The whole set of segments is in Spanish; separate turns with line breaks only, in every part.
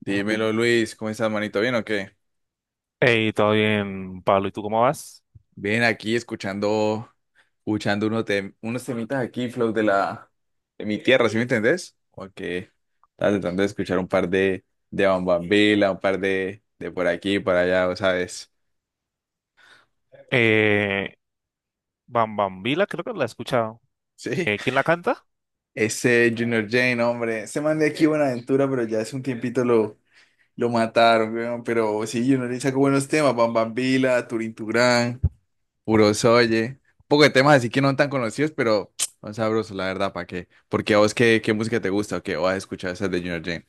Dímelo, Luis, ¿cómo estás, manito? ¿Bien o qué?
Hey, todo bien, Pablo. ¿Y tú cómo vas?
Bien, aquí escuchando unos, unos temitas aquí, flow de mi tierra, ¿sí me entendés? Como que estaba tratando de escuchar un par de Bambambila, un par de por aquí, por allá, ¿vos sabes?
Eh, Bam Bam Vila, creo que la he escuchado.
Sí.
¿Quién la canta?
Ese Junior Jane, hombre, se man de aquí Buenaventura, pero ya hace un tiempito lo mataron, weón, pero sí, Junior Jane sacó buenos temas, Bambambila, Turín Turán. Puro Soye. Un poco de temas así que no tan conocidos, pero son sabrosos, la verdad, ¿para qué? Porque a vos, ¿qué música te gusta o qué? ¿O has escuchado esas de Junior Jane?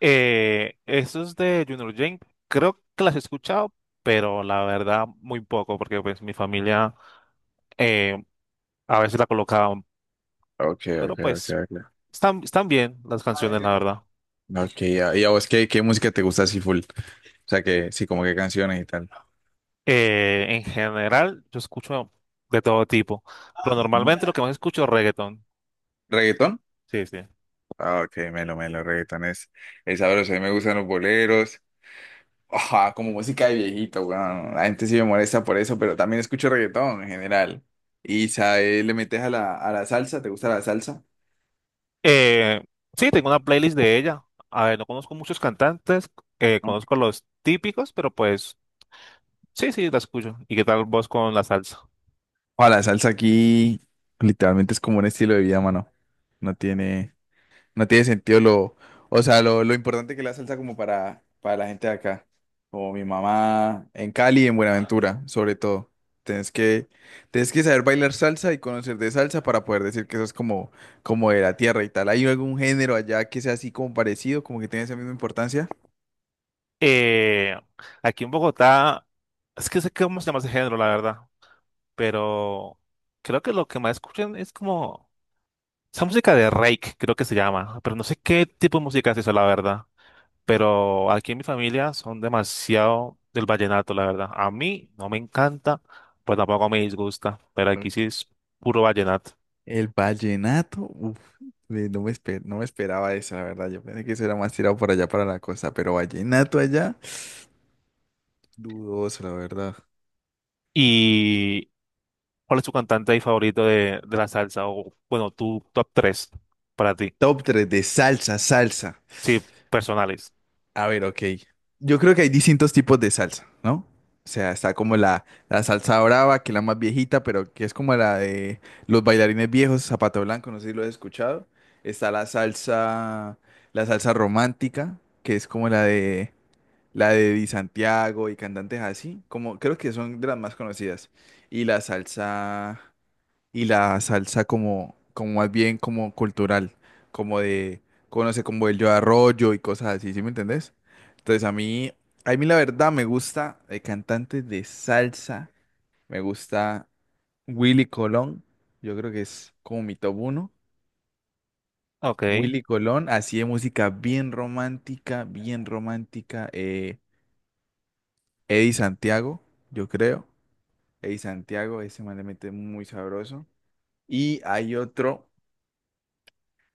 Eso es de Junior Jane. Creo que las he escuchado, pero la verdad muy poco, porque pues mi familia eh, a veces la colocaban,
Ok,
pero
ok, ok,
pues
ok.
están bien las canciones, la verdad.
Ok, ya. ¿Y a vos qué música te gusta así full? O sea, que sí, como qué canciones y tal.
En general, yo escucho de todo tipo, pero normalmente
Ujú.
lo que más escucho es reggaetón.
¿Reggaetón?
Sí, sí.
Ah, ok, melo, melo, reggaetón es sabroso. A mí me gustan los boleros. Ajá, como música de viejito, weón. La gente sí me molesta por eso, pero también escucho reggaetón en general. ¿Y sabes, le metes a la salsa? ¿Te gusta la salsa?
Eh, sí, tengo una playlist de ella. A ver, no conozco muchos cantantes, conozco los típicos, pero pues sí, sí, la escucho. ¿Y qué tal vos con la salsa?
Ojo, la salsa aquí literalmente es como un estilo de vida, mano. No tiene, no tiene sentido o sea, lo importante que es la salsa como para la gente de acá, como mi mamá en Cali y en Buenaventura, sobre todo. Tienes que, tienes que saber bailar salsa y conocer de salsa para poder decir que eso es como de la tierra y tal. ¿Hay algún género allá que sea así como parecido, como que tiene esa misma importancia?
Eh, aquí en Bogotá, es que sé cómo se llama ese género, la verdad, pero creo que lo que más escuchan es como esa música de Rake, creo que se llama, pero no sé qué tipo de música es eso, la verdad. Pero aquí en mi familia son demasiado del vallenato, la verdad. A mí no me encanta, pues tampoco me disgusta, pero aquí sí
Ok.
es puro vallenato.
El vallenato, uf, no me no me esperaba eso, la verdad. Yo pensé que eso era más tirado por allá para la costa, pero vallenato allá, dudoso, la verdad.
¿Y cuál es tu cantante ahí favorito de la salsa? O bueno, tu top tres para ti.
Top 3 de salsa, salsa.
Sí, personales.
A ver, ok. Yo creo que hay distintos tipos de salsa, ¿no? O sea, está como la salsa brava, que es la más viejita, pero que es como la de los bailarines viejos, Zapato Blanco, no sé si lo has escuchado. Está la salsa romántica, que es como la de Di Santiago y cantantes así, como creo que son de las más conocidas. Y la salsa, y la salsa como más bien como cultural, como de, conoce como el Yo Arroyo y cosas así, ¿sí me entendés? Entonces a mí la verdad me gusta cantantes de salsa, me gusta Willy Colón, yo creo que es como mi top uno.
Ok.
Willy Colón, así de música bien romántica, Eddie Santiago, yo creo. El Santiago, ese man le mete muy sabroso. Y hay otro.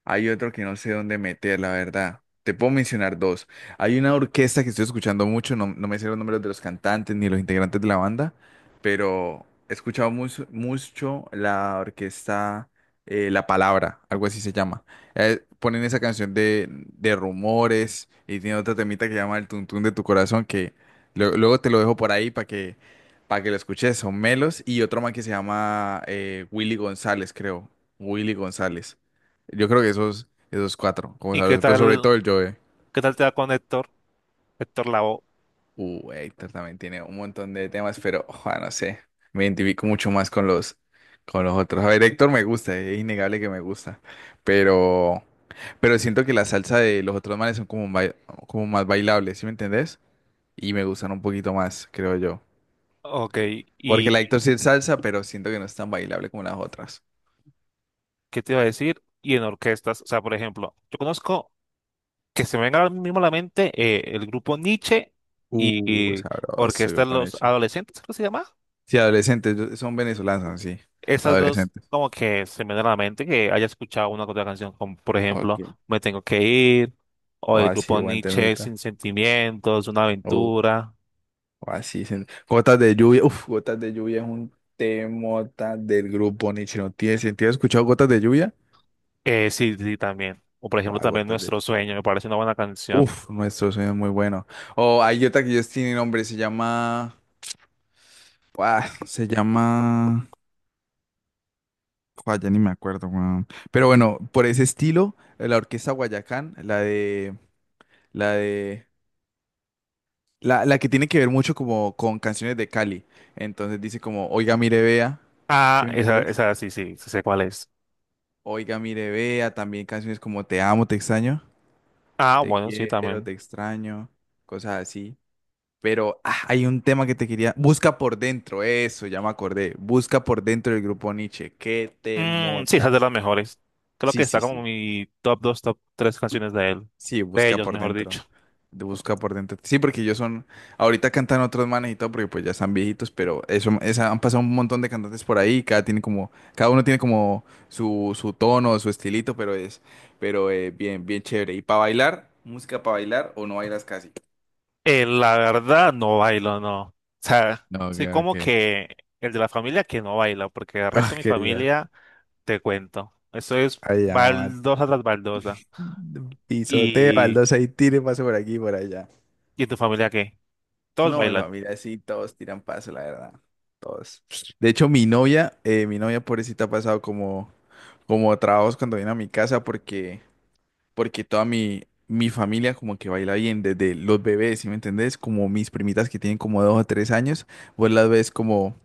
Hay otro que no sé dónde meter, la verdad. Te puedo mencionar dos. Hay una orquesta que estoy escuchando mucho, no me sé los nombres de los cantantes ni los integrantes de la banda, pero he escuchado mucho, mucho la orquesta La Palabra, algo así se llama. Ponen esa canción de rumores y tiene otra temita que se llama El Tuntún de tu Corazón, que luego te lo dejo por ahí para que lo escuches. Son Melos y otro man que se llama Willy González, creo. Willy González. Yo creo que esos cuatro, como
¿Y
sabes, pero sobre todo el Joe.
qué tal te da con Héctor? Héctor Lavoe.
Héctor también tiene un montón de temas, pero ojo, no sé, me identifico mucho más con los otros. A ver, Héctor me gusta, es innegable que me gusta, pero, pero siento que la salsa de los otros manes son como más bailables, ¿sí me entendés? Y me gustan un poquito más, creo yo.
Ok.
Porque la
¿Y
Héctor sí es salsa, pero siento que no es tan bailable como las otras.
qué te iba a decir? Y en orquestas, o sea, por ejemplo, yo conozco que se me venga ahora mismo a la mente el grupo Nietzsche y, y
Sabroso, qué
Orquesta de
buen
los
hecho.
Adolescentes, ¿cómo se llama?
Sí, adolescentes, son venezolanos, sí,
Esas dos
adolescentes.
como que se me vienen a la mente que haya escuchado una o otra canción, como por
Ok.
ejemplo Me Tengo que Ir, o
O
el
así,
grupo
buen
Nietzsche
temita.
Sin Sentimientos, Una
Uh,
Aventura,
o así, gotas de lluvia. Uf, gotas de lluvia es un temota del grupo Nietzsche. ¿No tiene sentido? ¿Has escuchado gotas de lluvia?
sí, sí, también. O por
O
ejemplo
a
también
gotas de.
Nuestro Sueño, me parece una buena canción.
Uf, nuestro sueño es muy bueno. O hay otra que ellos tienen nombre, se llama. Ah, se llama. Joder, ya ni me acuerdo, weón. Pero bueno, por ese estilo, la orquesta Guayacán, La de. la que tiene que ver mucho como con canciones de Cali. Entonces dice como, oiga, mire, vea. ¿Sí
Ah,
me
esa,
entendés?
esa sí, sí, sí sé cuál es.
Oiga, mire, vea, también canciones como Te amo, te extraño,
Ah,
Te
bueno, sí,
quiero,
también.
te extraño, cosas así. Pero hay un tema que te quería. Busca por dentro, eso, ya me acordé. Busca por dentro del grupo Nietzsche. ¿Qué te
Mm, sí, esa
mota?
es de las mejores. Creo que
Sí,
está
sí,
como
sí.
mi top 2, top 3 canciones de él.
Sí,
De
busca
ellos,
por
mejor dicho.
dentro. De Busca por dentro. Sí, porque ellos son. Ahorita cantan otros manes y todo, porque pues ya están viejitos, pero eso, han pasado un montón de cantantes por ahí. Cada uno tiene como su tono, su estilito, pero bien, bien chévere. ¿Y para bailar? ¿Música para bailar o no bailas casi?
La verdad, no bailo, no. O sea,
No, ok,
soy como
ok.
que el de la familia que no baila, porque el resto de mi
Ok, ya.
familia, te cuento. Eso es
Allá va.
baldosa tras baldosa.
Pisoteo,
¿Y,
baldosa y tire, paso por aquí y por allá.
y en tu familia qué? Todos
No, mi
bailan.
familia sí, todos tiran paso, la verdad. Todos. De hecho, mi novia pobrecita ha pasado como trabajos cuando viene a mi casa porque toda mi familia como que baila bien desde los bebés, ¿sí me entendés? Como mis primitas que tienen como 2 o 3 años, vos las ves como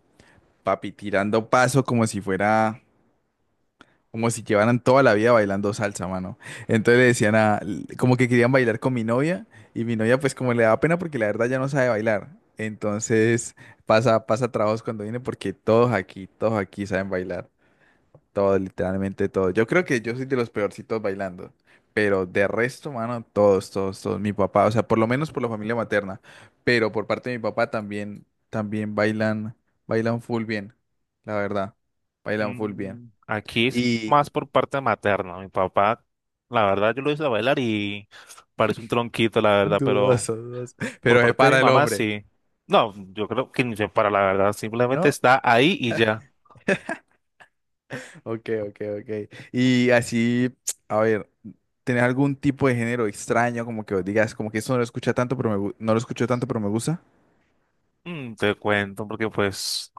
papi tirando paso como si fuera como si llevaran toda la vida bailando salsa, mano. Entonces le decían como que querían bailar con mi novia y mi novia pues como le da pena porque la verdad ya no sabe bailar. Entonces pasa trabajos cuando viene porque todos aquí saben bailar. Todos, literalmente todos. Yo creo que yo soy de los peorcitos bailando. Pero de resto, mano, todos, todos, todos. Mi papá, o sea, por lo menos por la familia materna. Pero por parte de mi papá también bailan full bien, la verdad. Bailan full bien.
Mm, aquí es
Y.
más por parte materna. Mi papá, la verdad, yo lo hice bailar y parece un tronquito, la verdad, pero…
Dudoso, dudoso.
Por
Pero se
parte de mi
para el
mamá,
hombre,
sí. No, yo creo que ni se para la verdad, simplemente
¿no?
está ahí y ya.
Ok, ok, ok. Y así, a ver, ¿tenés algún tipo de género extraño como que vos digas, como que eso no lo escucha tanto, no lo escucho tanto, pero me gusta?
Mm, te cuento, porque pues,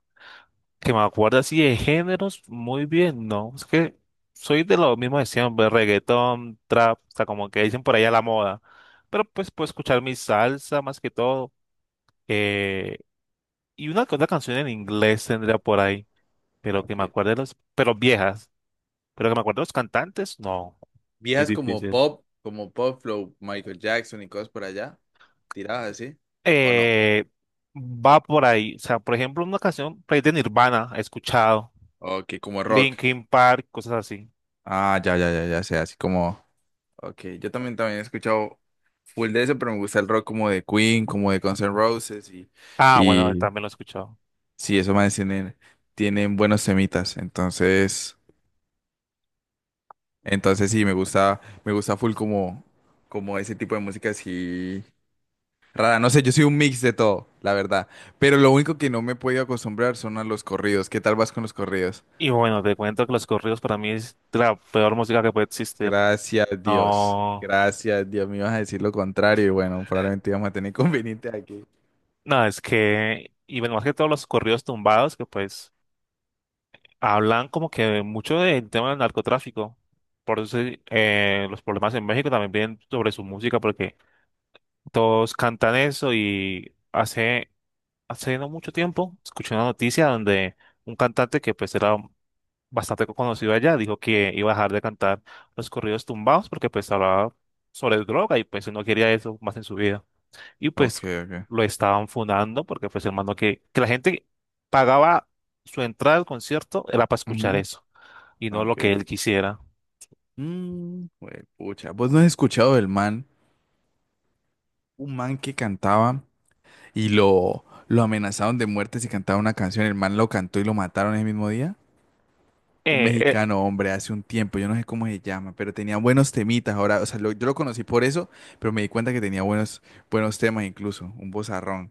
que me acuerdo así de géneros, muy bien, ¿no? Es que soy de lo mismo de siempre, reggaetón, trap, hasta como que dicen por ahí a la moda. Pero pues puedo escuchar mi salsa más que todo. eh, y una que otra canción en inglés tendría por ahí, pero que me
Okay.
acuerde de los, pero viejas. Pero que me acuerde de los cantantes, no, muy
Viejas
difícil.
como pop flow, Michael Jackson y cosas por allá, tiradas así, ¿o no?
eh, va por ahí. O sea, por ejemplo, una canción por ahí de Nirvana he escuchado,
Ok, como rock.
Linkin Park, cosas así.
Ah, ya, ya, ya, ya sé, así como... Ok, yo también he escuchado full de eso, pero me gusta el rock como de Queen, como de Guns N' Roses y,
Ah, bueno, él también lo he escuchado.
sí, esos manes tienen buenos semitas, entonces sí, me gusta full como ese tipo de música así rara, no sé, yo soy un mix de todo, la verdad, pero lo único que no me he podido acostumbrar son a los corridos, ¿qué tal vas con los corridos?
Y bueno, te cuento que los corridos para mí es de la peor música que puede existir. No,
Gracias Dios, me ibas a decir lo contrario y bueno, probablemente íbamos a tener inconvenientes aquí.
no, es que, y bueno, más que todos los corridos tumbados que pues hablan como que mucho del tema del narcotráfico. Por eso los problemas en México también vienen sobre su música porque todos cantan eso y hacen hace no mucho tiempo escuché una noticia donde un cantante que pues era bastante conocido allá dijo que iba a dejar de cantar los corridos tumbados porque pues hablaba sobre droga y pues él no quería eso más en su vida. Y pues
Ok, ok.
lo estaban funando porque pues hermano que la gente pagaba su entrada al concierto era para escuchar
Ujú.
eso y no lo que
Ok.
él quisiera.
Mm, pucha, ¿vos no has escuchado del man? Un man que cantaba. Y lo amenazaron de muerte si cantaba una canción. El man lo cantó y lo mataron ese mismo día. Un
Eh, eh,
mexicano, hombre, hace un tiempo, yo no sé cómo se llama, pero tenía buenos temitas ahora, o sea, yo lo conocí por eso, pero me di cuenta que tenía buenos, buenos temas incluso, un vozarrón.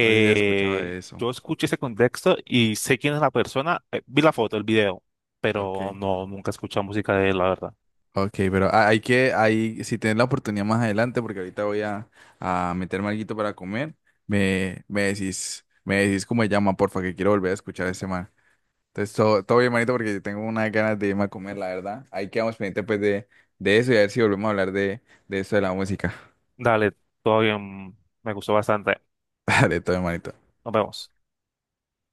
No sé si has escuchado de eso.
yo escuché ese contexto y sé quién es la persona, vi la foto, el video, pero
Ok.
no, nunca escuché música de él, la verdad.
Ok, pero si tienes la oportunidad más adelante, porque ahorita voy a meterme alguito para comer, me decís cómo se llama, porfa, que quiero volver a escuchar ese man. Entonces, todo, todo bien, manito, porque tengo unas ganas de irme a comer, la verdad. Ahí quedamos pendientes, pues, de eso y a ver si volvemos a hablar de eso de la música.
Dale, todo bien, me gustó bastante.
Dale, todo bien, manito.
Nos vemos.